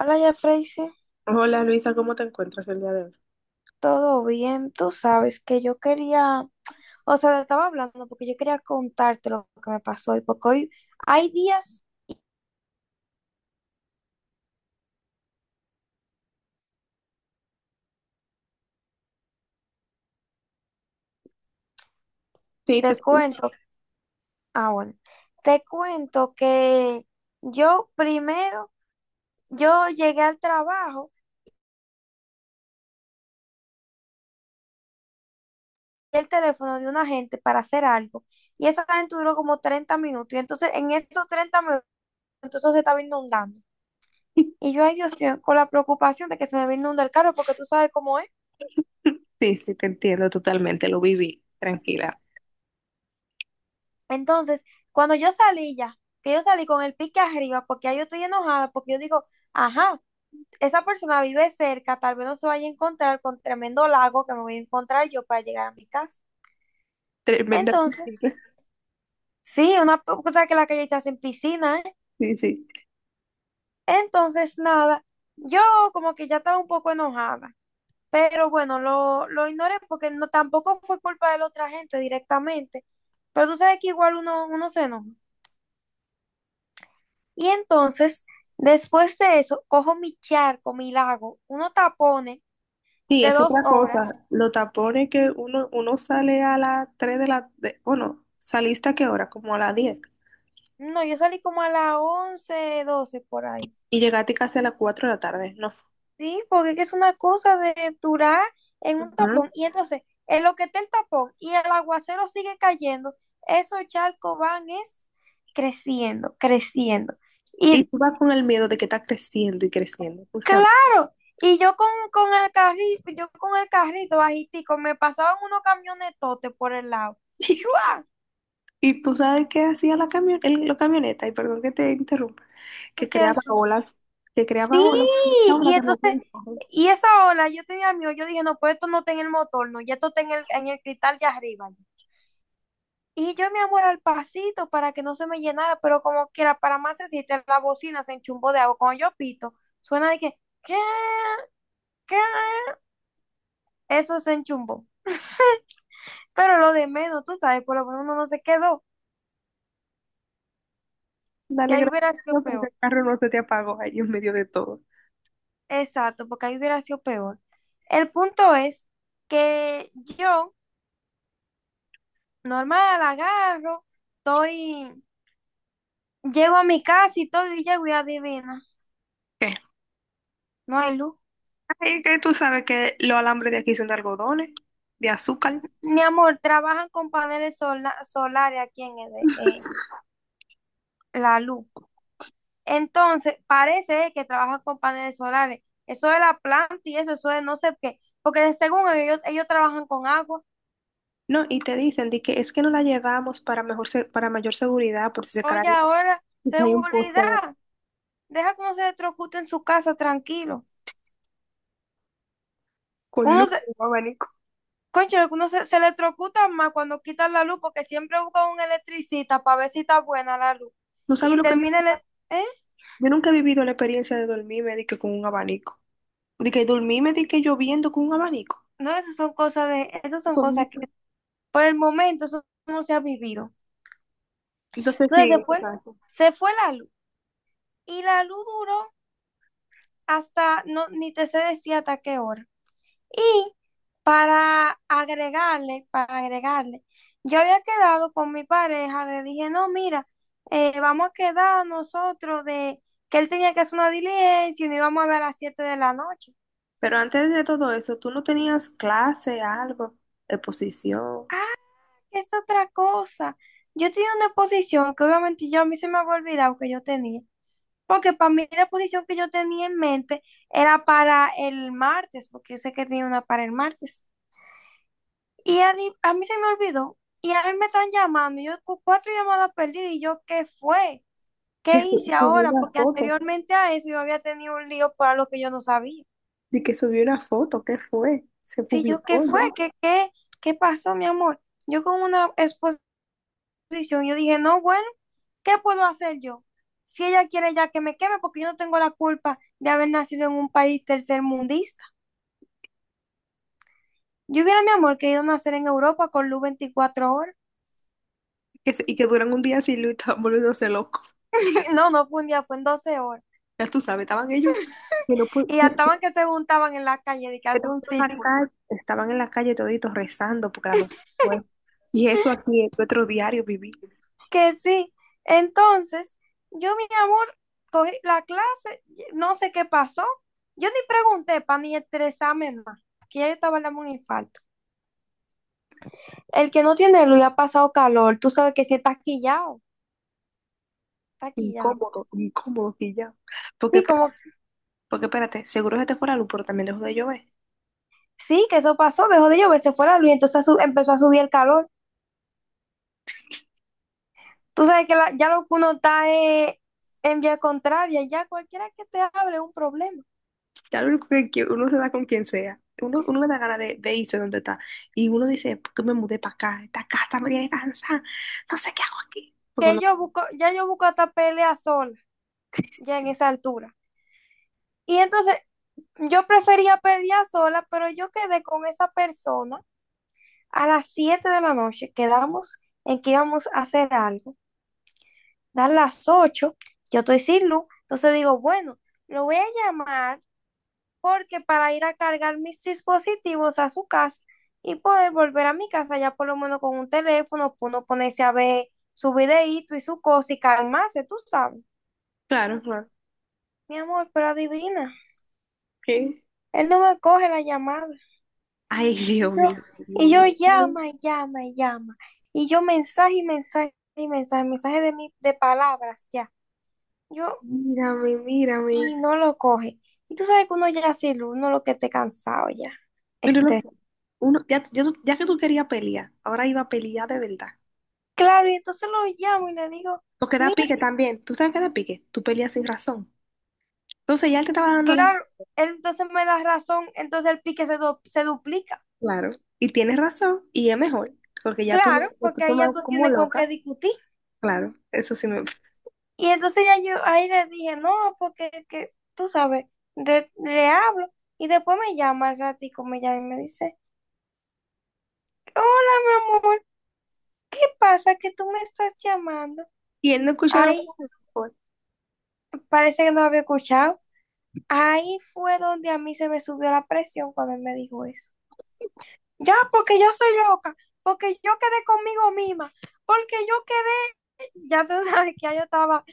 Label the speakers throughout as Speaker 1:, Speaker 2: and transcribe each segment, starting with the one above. Speaker 1: Hola, ya Freisy,
Speaker 2: Hola Luisa, ¿cómo te encuentras el día de hoy?
Speaker 1: ¿todo bien? Tú sabes que yo quería, o sea, te estaba hablando porque yo quería contarte lo que me pasó hoy, porque hoy hay días,
Speaker 2: Sí, te
Speaker 1: te
Speaker 2: escucho.
Speaker 1: cuento, ah, bueno, te cuento que yo primero, yo llegué al trabajo, y el teléfono de una gente para hacer algo, y esa gente duró como 30 minutos, y entonces en esos 30 minutos eso se estaba inundando. Y yo, ay Dios mío, con la preocupación de que se me va a inundar el carro, porque tú sabes cómo es.
Speaker 2: Sí, sí, te entiendo totalmente, lo viví, tranquila.
Speaker 1: Entonces, cuando yo salí ya, que yo salí con el pique arriba, porque ahí yo estoy enojada, porque yo digo, ajá, esa persona vive cerca, tal vez no se vaya a encontrar con tremendo lago que me voy a encontrar yo para llegar a mi casa.
Speaker 2: Tremenda
Speaker 1: Entonces,
Speaker 2: piscina.
Speaker 1: sí, una cosa que la calle se hace en piscina, ¿eh?
Speaker 2: Sí, sí.
Speaker 1: Entonces, nada, yo como que ya estaba un poco enojada, pero bueno, lo ignoré porque no, tampoco fue culpa de la otra gente directamente, pero tú sabes que igual uno se enoja. Y entonces, después de eso, cojo mi charco, mi lago, unos tapones
Speaker 2: Sí,
Speaker 1: de
Speaker 2: es
Speaker 1: dos
Speaker 2: otra
Speaker 1: horas.
Speaker 2: cosa. Los tapones que uno sale a las tres de la... bueno, ¿saliste a qué hora? Como a las diez.
Speaker 1: No, yo salí como a las 11 12 por ahí.
Speaker 2: Y llegaste casi a las cuatro de la tarde, ¿no?
Speaker 1: Sí, porque es que es una cosa de durar en un
Speaker 2: Ujú.
Speaker 1: tapón. Y entonces, en lo que está el tapón y el aguacero sigue cayendo, esos charcos van es creciendo, creciendo.
Speaker 2: Y
Speaker 1: Y
Speaker 2: tú vas con el miedo de que está creciendo y creciendo, justamente.
Speaker 1: claro, y yo con, el carrito, yo con el carrito bajitico, me pasaban unos camionetotes por el lado. ¡Shua!
Speaker 2: Y tú sabes qué hacía la camioneta, y perdón que te interrumpa. Que
Speaker 1: Qué
Speaker 2: creaba
Speaker 1: así.
Speaker 2: olas, que creaba
Speaker 1: Sí,
Speaker 2: olas, y esa
Speaker 1: y
Speaker 2: ola de los
Speaker 1: entonces,
Speaker 2: vientos.
Speaker 1: y esa ola, yo tenía miedo, yo dije, no, pues esto no está en el motor, no, ya esto está en el cristal de arriba. Y yo, mi amor, al pasito para que no se me llenara, pero como quiera, para más decirte, la bocina se enchumbó de agua. Cuando yo pito, suena de que, ¿qué? ¿Qué? Eso se enchumbó. Pero lo de menos, tú sabes, por lo menos uno no se quedó, que
Speaker 2: Dale
Speaker 1: ahí
Speaker 2: gracias
Speaker 1: hubiera
Speaker 2: a
Speaker 1: sido
Speaker 2: Dios que
Speaker 1: peor.
Speaker 2: ese carro no se te apagó ahí en medio de todo.
Speaker 1: Exacto, porque ahí hubiera sido peor. El punto es que yo normal, agarro, estoy, llego a mi casa y todo, y llego y adivina,
Speaker 2: ¿Qué?
Speaker 1: no hay luz.
Speaker 2: Ay, que tú sabes que los alambres de aquí son de algodones, de azúcar.
Speaker 1: Mi amor, trabajan con paneles solares aquí en la luz. Entonces, parece que trabajan con paneles solares. Eso de la planta y eso de no sé qué. Porque según ellos, trabajan con agua.
Speaker 2: No, y te dicen de que es que no la llevamos para para mayor seguridad por si se cae,
Speaker 1: Oye, ahora,
Speaker 2: si hay un
Speaker 1: seguridad. Deja que uno se electrocute en su casa tranquilo.
Speaker 2: con
Speaker 1: Uno
Speaker 2: luz y
Speaker 1: se-
Speaker 2: un abanico.
Speaker 1: Concho, algunos se electrocutan más cuando quitan la luz porque siempre buscan un electricista para ver si está buena la luz.
Speaker 2: ¿Tú sabes
Speaker 1: Y
Speaker 2: lo que yo?
Speaker 1: termina ¿eh?
Speaker 2: Yo nunca he vivido la experiencia de dormirme de que con un abanico. De que dormirme de que lloviendo con un abanico.
Speaker 1: No, esas son cosas de... Esas son
Speaker 2: Son
Speaker 1: cosas
Speaker 2: mil-
Speaker 1: que por el momento eso no se ha vivido.
Speaker 2: Entonces
Speaker 1: Entonces se
Speaker 2: sí,
Speaker 1: fue,
Speaker 2: exacto.
Speaker 1: se fue la luz. Y la luz duró hasta... No, ni te sé decir hasta qué hora. Y para agregarle, yo había quedado con mi pareja, le dije, no, mira, vamos a quedar nosotros de que él tenía que hacer una diligencia y nos íbamos a ver a las 7 de la noche.
Speaker 2: Pero antes de todo eso, tú no tenías clase, algo, exposición.
Speaker 1: Es otra cosa. Yo tenía una posición que obviamente yo a mí se me había olvidado que yo tenía, porque para mí la posición que yo tenía en mente era para el martes, porque yo sé que tenía una para el martes. Y a mí se me olvidó. Y a mí me están llamando. Y yo cuatro llamadas perdidas. Y yo, ¿qué fue? ¿Qué hice
Speaker 2: Subí
Speaker 1: ahora?
Speaker 2: una
Speaker 1: Porque
Speaker 2: foto.
Speaker 1: anteriormente a eso yo había tenido un lío para lo que yo no sabía.
Speaker 2: Y que subió una foto, ¿qué fue? Se
Speaker 1: Sí, yo, ¿qué
Speaker 2: publicó
Speaker 1: fue?
Speaker 2: ya.
Speaker 1: ¿Qué pasó, mi amor? Yo con una exposición, yo dije, no, bueno, ¿qué puedo hacer yo? Si ella quiere ya que me queme, porque yo no tengo la culpa de haber nacido en un país tercermundista. Yo hubiera, mi amor, querido nacer en Europa con luz 24 horas.
Speaker 2: Y que duran un día sin luz, estaban volviéndose locos.
Speaker 1: No, no fue un día, fue en 12 horas.
Speaker 2: Ya tú sabes, estaban ellos que no pu-
Speaker 1: Y estaban que se juntaban en la calle de que
Speaker 2: que
Speaker 1: hace un
Speaker 2: estaban en la
Speaker 1: círculo.
Speaker 2: calle, estaban en la calle toditos rezando porque la luz se fue. Y eso aquí en nuestro diario viví.
Speaker 1: Que sí. Entonces, yo, mi amor, cogí la clase, no sé qué pasó. Yo ni pregunté para ni estresarme más, que ya yo estaba dando un infarto. El que no tiene luz y ha pasado calor, tú sabes que si está quillado, está quillado.
Speaker 2: Incómodo, incómodo que ya. Porque,
Speaker 1: Sí, como,
Speaker 2: porque espérate, seguro se te fue la luz, pero también dejó de llover.
Speaker 1: sí, que eso pasó, dejó de llover, se fue la luz, entonces empezó a subir el calor. Tú sabes que ya lo que uno está en vía contraria, ya cualquiera que te hable es un problema.
Speaker 2: Ya lo único que uno se da con quien sea. Uno le da ganas de irse donde está. Y uno dice, ¿por qué me mudé para acá? Esta casa me tiene cansada. No sé qué hago aquí. Porque
Speaker 1: Que
Speaker 2: uno,
Speaker 1: yo busco, ya yo busco hasta pelear sola, ya en esa altura. Y entonces yo prefería pelear sola, pero yo quedé con esa persona a las 7 de la noche, quedamos en que íbamos a hacer algo. A las 8 yo estoy sin luz, entonces digo, bueno, lo voy a llamar porque para ir a cargar mis dispositivos a su casa y poder volver a mi casa ya por lo menos con un teléfono, uno ponerse a ver su videíto y su cosa y calmarse, tú sabes.
Speaker 2: claro, claro.
Speaker 1: Mi amor, pero adivina,
Speaker 2: ¿Qué?
Speaker 1: él no me coge la llamada.
Speaker 2: Ay, Dios
Speaker 1: Yo-
Speaker 2: mío,
Speaker 1: y yo
Speaker 2: Dios mío.
Speaker 1: llama, y llama, y llama. Y yo mensaje y mensaje y mensaje, mensaje de palabras ya. Yo,
Speaker 2: Mírame, mírame.
Speaker 1: y no lo coge. Y tú sabes que uno ya uno lo que esté cansado ya.
Speaker 2: Pero lo-
Speaker 1: Este,
Speaker 2: Uno, ya, ya, ya que tú querías pelear, ahora iba a pelear de verdad.
Speaker 1: claro, y entonces lo llamo y le digo,
Speaker 2: Porque da
Speaker 1: mira,
Speaker 2: pique también. ¿Tú sabes qué da pique? Tú peleas sin razón. Entonces ya él te estaba dando la...
Speaker 1: claro, él entonces me da razón, entonces el pique se duplica.
Speaker 2: Claro. Y tienes razón. Y es mejor. Porque ya tú
Speaker 1: Claro,
Speaker 2: lo que
Speaker 1: porque ahí ya
Speaker 2: tomas
Speaker 1: tú
Speaker 2: como
Speaker 1: tienes con qué
Speaker 2: loca.
Speaker 1: discutir.
Speaker 2: Claro. Eso sí me...
Speaker 1: Y entonces ya yo ahí le dije, no, porque que, tú sabes, le hablo. Y después me llama al ratico, me llama y me dice, hola, mi amor, ¿qué pasa que tú me estás llamando?
Speaker 2: Y él no escuchó lo
Speaker 1: Ay, parece que no había escuchado. Ahí fue donde a mí se me subió la presión cuando él me dijo eso. Ya, porque yo soy loca, porque yo quedé conmigo misma, porque yo quedé, ya tú sabes que ya yo estaba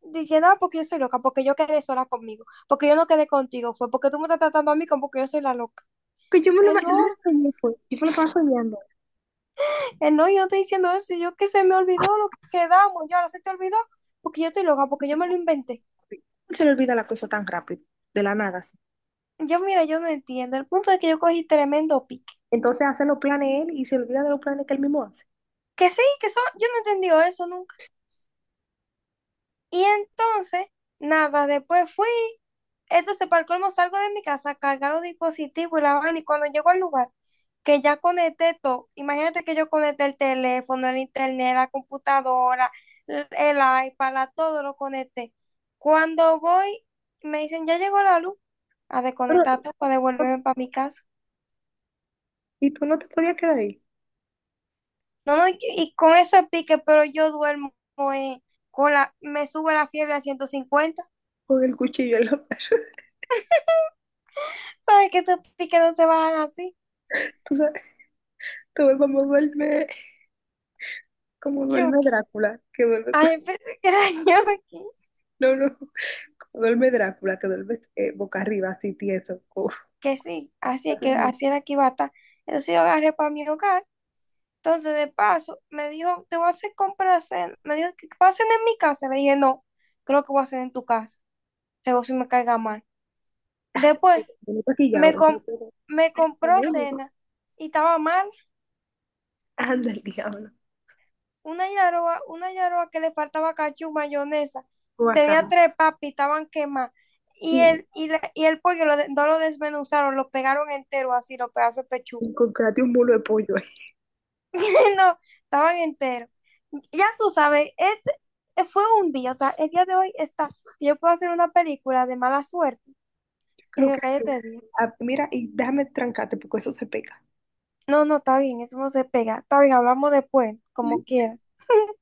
Speaker 1: diciendo, ah, porque yo soy loca, porque yo quedé sola conmigo, porque yo no quedé contigo, fue porque tú me estás tratando a mí como que yo soy la loca.
Speaker 2: que
Speaker 1: Él no,
Speaker 2: yo me lo imaginé, pues. Yo me lo estaba soñando.
Speaker 1: él no, yo no estoy diciendo eso, yo que se me olvidó lo que quedamos, yo ahora se te olvidó, porque yo estoy loca, porque yo me lo inventé.
Speaker 2: Se le olvida la cosa tan rápido, de la nada, así.
Speaker 1: Yo, mira, yo no entiendo, el punto es que yo cogí tremendo pique.
Speaker 2: Entonces hace los planes él y se olvida de los planes que él mismo hace.
Speaker 1: Que sí, que eso, yo no entendí eso nunca. Y entonces, nada, después fui. Entonces, para el colmo, salgo de mi casa, a cargar los dispositivos y la vaina. Y cuando llego al lugar, que ya conecté todo, imagínate que yo conecté el teléfono, el internet, la computadora, el iPad, todo lo conecté. Cuando voy, me dicen, ya llegó la luz, a
Speaker 2: Pero,
Speaker 1: desconectar todo para devolverme para mi casa.
Speaker 2: y tú no te podías quedar ahí
Speaker 1: No, no, y con ese pique, pero yo duermo eh, me sube la fiebre a 150.
Speaker 2: con el cuchillo en la mano.
Speaker 1: ¿Sabes que esos piques no se bajan así?
Speaker 2: Tú sabes, tú ves cómo duerme, como
Speaker 1: Chu.
Speaker 2: duerme Drácula, que duerme,
Speaker 1: Ay, pensé que era yo aquí.
Speaker 2: no, no, como duerme Drácula, que duerme boca arriba, así tieso, como
Speaker 1: Que sí, así es
Speaker 2: así
Speaker 1: que
Speaker 2: mismo,
Speaker 1: así era que iba a estar. Entonces yo agarré para mi hogar. Entonces, de paso, me dijo, te voy a hacer compras. Me dijo, que pasen en mi casa. Le dije, no, creo que voy a hacer en tu casa. Luego si me caiga mal. Después,
Speaker 2: como maquillado.
Speaker 1: me, com- me
Speaker 2: Como
Speaker 1: compró
Speaker 2: medio-
Speaker 1: cena y estaba mal.
Speaker 2: Anda el diablo,
Speaker 1: Una yaroa que le faltaba cachú, mayonesa. Tenía
Speaker 2: guacala.
Speaker 1: tres papas y estaban quemadas. Y el pollo no lo desmenuzaron, lo pegaron entero así, los pedazos de pechuga.
Speaker 2: Encontrate un mulo de pollo ahí.
Speaker 1: No, estaban enteros. Ya tú sabes, este fue un día, o sea, el día de hoy está, yo puedo hacer una película de mala suerte y
Speaker 2: Creo
Speaker 1: me
Speaker 2: que sí.
Speaker 1: cállate bien.
Speaker 2: Ah, mira, y déjame trancarte porque eso se pega.
Speaker 1: No, no, está bien, eso no se pega. Está bien, hablamos después, como quiera.